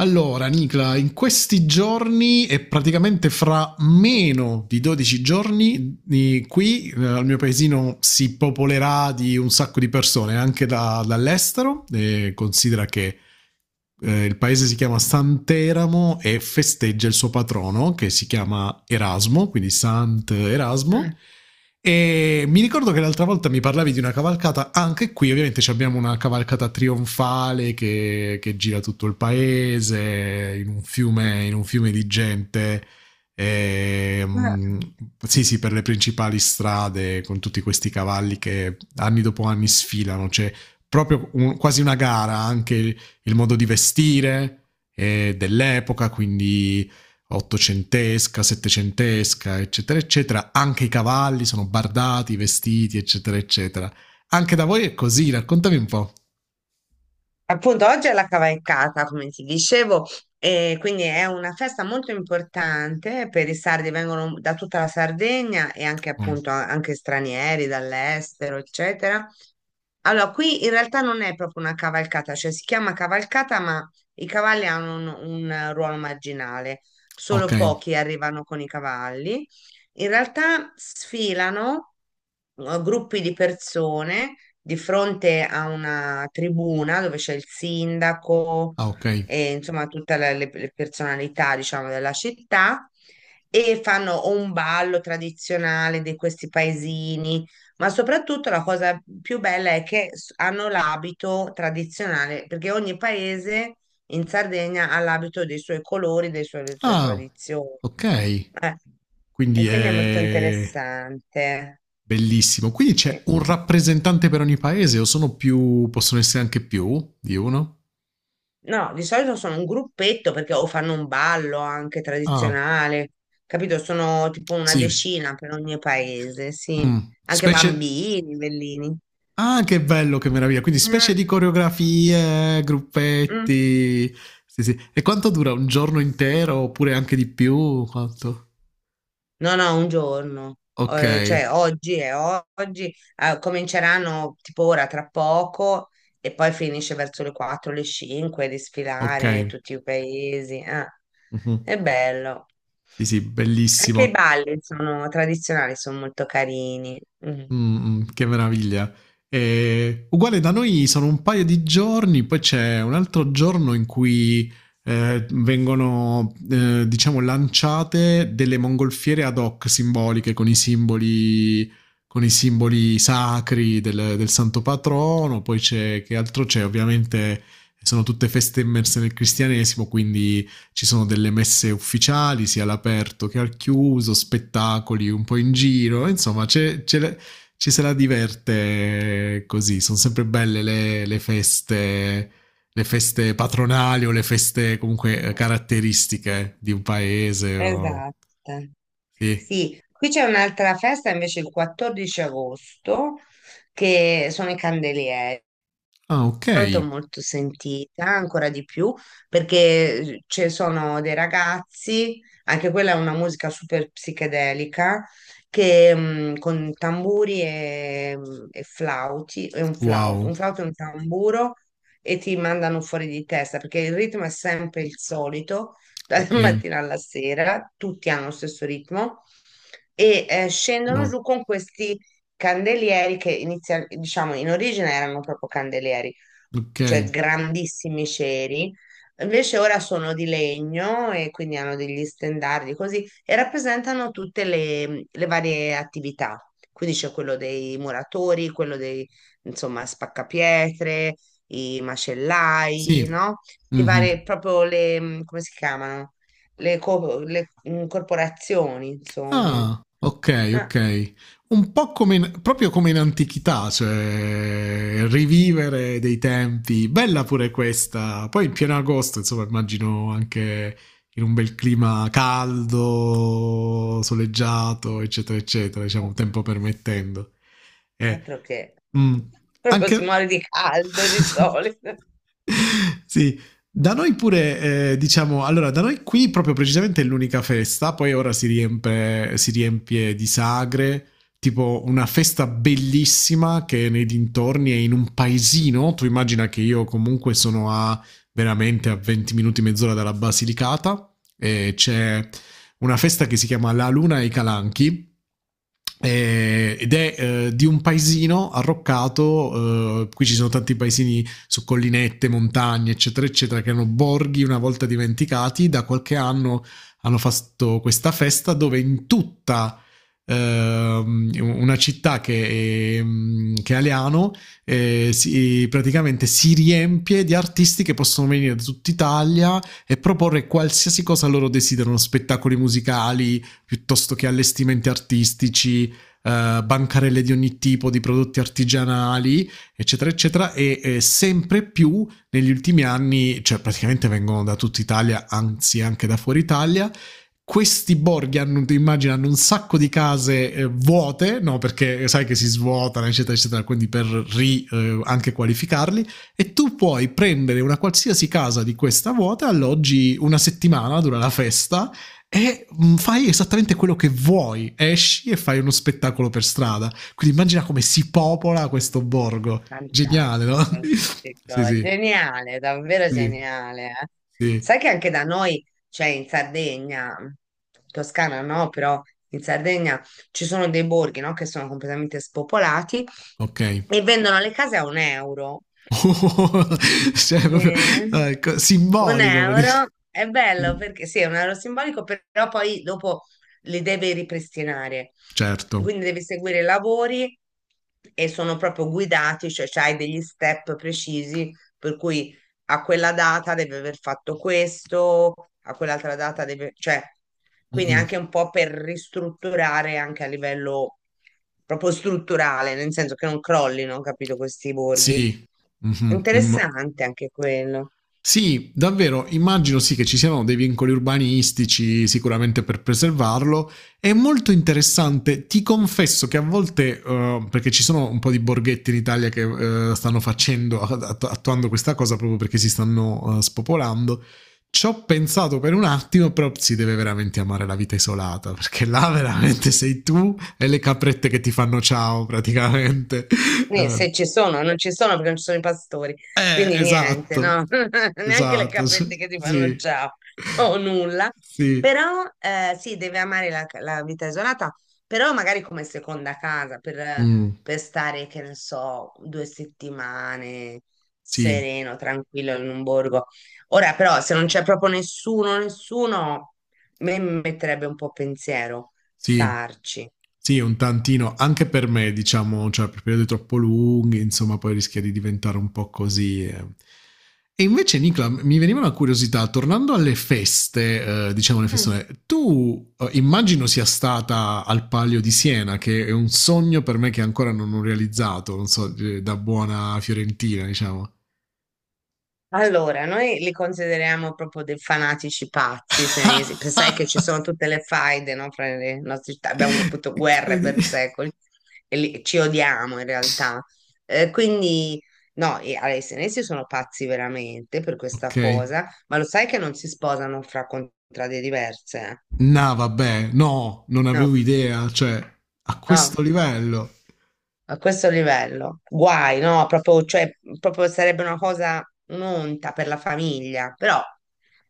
Allora, Nicla, in questi giorni e praticamente fra meno di 12 giorni, qui, al mio paesino si popolerà di un sacco di persone anche dall'estero. E considera che, il paese si chiama Sant'Eramo e festeggia il suo patrono che si chiama Erasmo, quindi Sant'Erasmo. Eh, E mi ricordo che l'altra volta mi parlavi di una cavalcata, anche qui ovviamente ci abbiamo una cavalcata trionfale che gira tutto il paese in un fiume di gente e, mm, sì, sì, per le principali strade con tutti questi cavalli che anni dopo anni sfilano, c'è proprio quasi una gara anche il modo di vestire, dell'epoca, quindi ottocentesca, settecentesca, eccetera, eccetera. Anche i cavalli sono bardati, vestiti, eccetera, eccetera. Anche da voi è così, raccontami un po'. Appunto, oggi è la cavalcata, come ti dicevo, e quindi è una festa molto importante per i sardi, vengono da tutta la Sardegna e anche Mm. appunto anche stranieri dall'estero, eccetera. Allora, qui in realtà non è proprio una cavalcata, cioè si chiama cavalcata, ma i cavalli hanno un ruolo marginale, Ok. solo pochi arrivano con i cavalli. In realtà sfilano gruppi di persone di fronte a una tribuna dove c'è il sindaco Ah, ok. e insomma tutte le personalità, diciamo, della città e fanno o un ballo tradizionale di questi paesini, ma soprattutto la cosa più bella è che hanno l'abito tradizionale, perché ogni paese in Sardegna ha l'abito dei suoi colori, delle sue Ah, tradizioni. ok. Eh, e Quindi quindi è molto è interessante. bellissimo. Quindi Sì. c'è un rappresentante per ogni paese o sono più, possono essere anche più di uno? No, di solito sono un gruppetto perché o fanno un ballo anche Ah, tradizionale, capito? Sono tipo una sì. decina per ogni paese, sì. Mm. Anche Specie... bambini, bellini. ah, che bello, che meraviglia. Quindi Mm, specie di coreografie, mm. gruppetti. Sì, sì. E quanto dura? Un giorno intero oppure anche di più? Quanto? No, no, un giorno. Ok, Cioè, oggi è oggi, cominceranno tipo ora tra poco e poi finisce verso le 4, le 5 di ok. sfilare tutti i paesi. Mhm. È bello. Sì, sì, Anche i bellissimo. balli sono tradizionali, sono molto carini. Mm. Che meraviglia. Uguale da noi sono un paio di giorni, poi c'è un altro giorno in cui, vengono, diciamo lanciate delle mongolfiere ad hoc simboliche con i simboli sacri del santo patrono. Poi c'è, che altro c'è? Ovviamente sono tutte feste immerse nel cristianesimo, quindi ci sono delle messe ufficiali sia all'aperto che al chiuso, spettacoli un po' in giro, insomma c'è la, ci se la diverte così. Sono sempre belle le feste patronali o le feste comunque, caratteristiche di un paese. O... Esatto. sì. Sì, qui c'è un'altra festa invece il 14 agosto, che sono i candelieri. Ah, ok. Molto molto sentita, ancora di più, perché ci sono dei ragazzi, anche quella è una musica super psichedelica, che con tamburi e, e flauti, e Wow. un flauto e un tamburo, e ti mandano fuori di testa, perché il ritmo è sempre il solito, dalla Ok. mattina alla sera, tutti hanno lo stesso ritmo, e scendono Wow. giù con questi candelieri che inizia, diciamo, in origine erano proprio candelieri, Ok. cioè grandissimi ceri. Invece ora sono di legno e quindi hanno degli stendardi così e rappresentano tutte le varie attività. Quindi c'è quello dei muratori, insomma, spaccapietre, i macellai, Sì. no? I Mhm. vari, proprio come si chiamano? Le corporazioni, insomma. Ah, ok, Ah, ok. Un po' come proprio come in antichità, cioè rivivere dei tempi. Bella pure questa. Poi in pieno agosto, insomma, immagino anche in un bel clima caldo, soleggiato, eccetera, eccetera, diciamo, tempo permettendo. Eh, altro che mm, proprio si anche... muore di caldo di solito. sì, da noi pure, diciamo, allora, da noi qui proprio precisamente è l'unica festa, poi ora si riempie di sagre, tipo una festa bellissima che è nei dintorni, è in un paesino, tu immagina che io comunque sono a veramente a 20 minuti, mezz'ora dalla Basilicata, e c'è una festa che si chiama La Luna e i Calanchi, ed è, di un paesino arroccato, qui ci sono tanti paesini su collinette, montagne, eccetera, eccetera, che erano borghi una volta dimenticati. Da qualche anno hanno fatto questa festa dove in tutta, una città che è Aliano, si, praticamente si riempie di artisti che possono venire da tutta Italia e proporre qualsiasi cosa loro desiderano, spettacoli musicali piuttosto che allestimenti artistici, bancarelle di ogni tipo, di prodotti artigianali, eccetera, eccetera, e, sempre più negli ultimi anni, cioè praticamente vengono da tutta Italia, anzi anche da fuori Italia, questi borghi hanno, immagino, hanno un sacco di case, vuote, no? Perché sai che si svuotano, eccetera, eccetera, quindi per ri, anche qualificarli. E tu puoi prendere una qualsiasi casa di questa vuota, alloggi una settimana, dura la festa, e fai esattamente quello che vuoi. Esci e fai uno spettacolo per strada. Quindi immagina come si popola questo borgo. Fantastico, Geniale, no? Sì, sì, geniale, davvero sì, geniale. Sì. Sai che anche da noi, cioè in Sardegna, Toscana no, però in Sardegna ci sono dei borghi, no, che sono completamente spopolati Ok. e vendono le case a un euro. Cioè, proprio, Sì. Un simbolico, euro praticamente. è bello Sì. perché sì, è un euro simbolico, però poi dopo li deve ripristinare. Certo. Quindi devi seguire i lavori e sono proprio guidati, cioè hai degli step precisi per cui a quella data deve aver fatto questo, a quell'altra data deve, cioè, quindi Mm-mm. anche un po' per ristrutturare anche a livello proprio strutturale, nel senso che non crollino, capito, questi borghi. Sì. Mhm. Immo- Interessante anche quello. sì, davvero, immagino sì che ci siano dei vincoli urbanistici sicuramente per preservarlo. È molto interessante, ti confesso che a volte, perché ci sono un po' di borghetti in Italia che, stanno facendo, attuando questa cosa proprio perché si stanno, spopolando, ci ho pensato per un attimo, però si deve veramente amare la vita isolata, perché là veramente sei tu e le caprette che ti fanno ciao praticamente. Eh, Se ci sono, non ci sono perché non ci sono i pastori, quindi niente, esatto. no? Neanche le Esatto, sì. caprette che ti fanno Sì. ciao o nulla. Sì. Però sì, deve amare la vita isolata, però magari come seconda casa Mm, per stare, che ne so, due settimane sì, sereno, tranquillo in un borgo. Ora però se non c'è proprio nessuno, nessuno, mi metterebbe un po' pensiero sì. starci. Sì, un tantino. Anche per me, diciamo, cioè, per periodi troppo lunghi, insomma, poi rischia di diventare un po' così, eh. E invece, Nicola, mi veniva una curiosità, tornando alle feste, diciamo le festone, tu, immagino sia stata al Palio di Siena, che è un sogno per me che ancora non ho realizzato, non so, da buona fiorentina, diciamo. Allora, noi li consideriamo proprio dei fanatici pazzi senesi, perché sai che ci sono tutte le faide, no, fra le nostre città, abbiamo avuto guerre per Incredibile. secoli e ci odiamo in realtà. Quindi, no, i, allora, i senesi sono pazzi veramente per Ok. questa cosa, ma lo sai che non si sposano fra contrade diverse? No, vabbè, no, non No, avevo idea, cioè, a questo no, livello. a questo livello. Guai, no? Proprio, cioè, proprio sarebbe una cosa, un'onta per la famiglia, però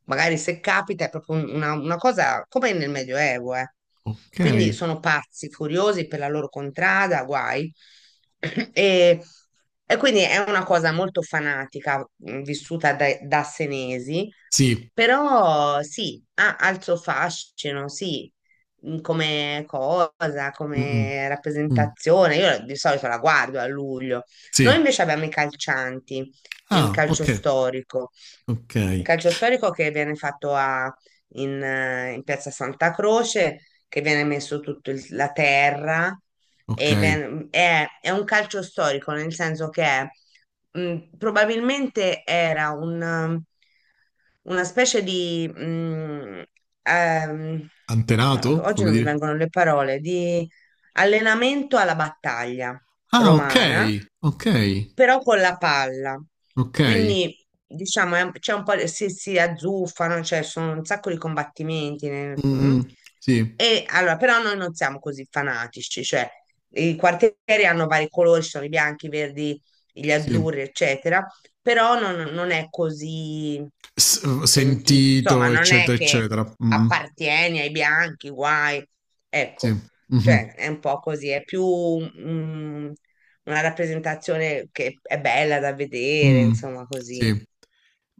magari se capita è proprio una cosa come nel Medioevo, eh. Ok. Quindi sono pazzi, furiosi per la loro contrada, guai. E, e quindi è una cosa molto fanatica, vissuta da, senesi, Sì. però sì, ha il suo fascino, sì, mm, come cosa, Mm-mm. come Mm, mm. rappresentazione. Io di solito la guardo a luglio. Noi Sì. invece abbiamo i calcianti, il Ah, calcio ok. storico. Ok. Il calcio storico che viene fatto in, in Piazza Santa Croce, che viene messo tutta la terra Ok. e è un calcio storico, nel senso che è, probabilmente era un, una specie di... ehm, Antenato, ma oggi come non mi dire? vengono le parole, di allenamento alla battaglia Ah, ok. romana, Ok. però con la palla. Ok. Quindi diciamo è c'è un po' si, si azzuffano, cioè sono un sacco di combattimenti. Mm-mm. Sì. E allora, però noi non siamo così fanatici, cioè i quartieri hanno vari colori, ci sono i bianchi, i verdi, gli Sì. azzurri, eccetera, però non è così S- sentito. Insomma, sentito, non è eccetera, che eccetera. Mm-mm. appartieni ai bianchi, guai. Sì. Ecco, Mhm. cioè è un po' così, è più mm, una rappresentazione che è bella da vedere, Mm. insomma, così. Sì.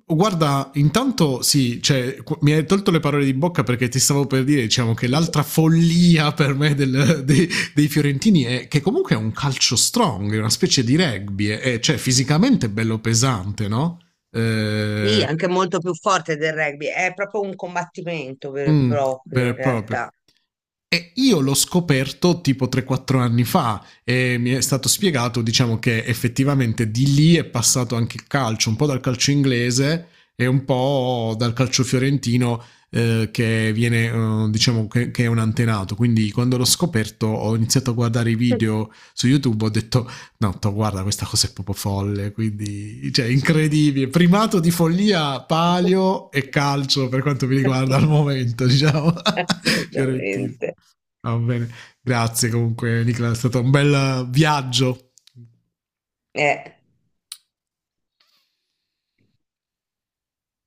Guarda, intanto sì, cioè, qu- mi hai tolto le parole di bocca perché ti stavo per dire, diciamo, che l'altra follia per me dei, dei fiorentini è che comunque è un calcio strong, è una specie di rugby, è, cioè fisicamente bello pesante, no? Sì, Eh, anche molto più forte del rugby, è proprio un combattimento vero e mh, vero proprio e in proprio. realtà. E io l'ho scoperto tipo 3, 4 anni fa e mi è stato spiegato, diciamo, che effettivamente di lì è passato anche il calcio, un po' dal calcio inglese e un po' dal calcio fiorentino, che viene, diciamo che è un antenato. Quindi quando l'ho scoperto ho iniziato a guardare i video su YouTube, ho detto: no, to, guarda, questa cosa è proprio folle, quindi, cioè, incredibile. Primato di follia, palio e calcio per quanto mi riguarda al momento, diciamo, fiorentino. Assolutamente. Va bene, grazie comunque Nicola, è stato un bel, viaggio Eh.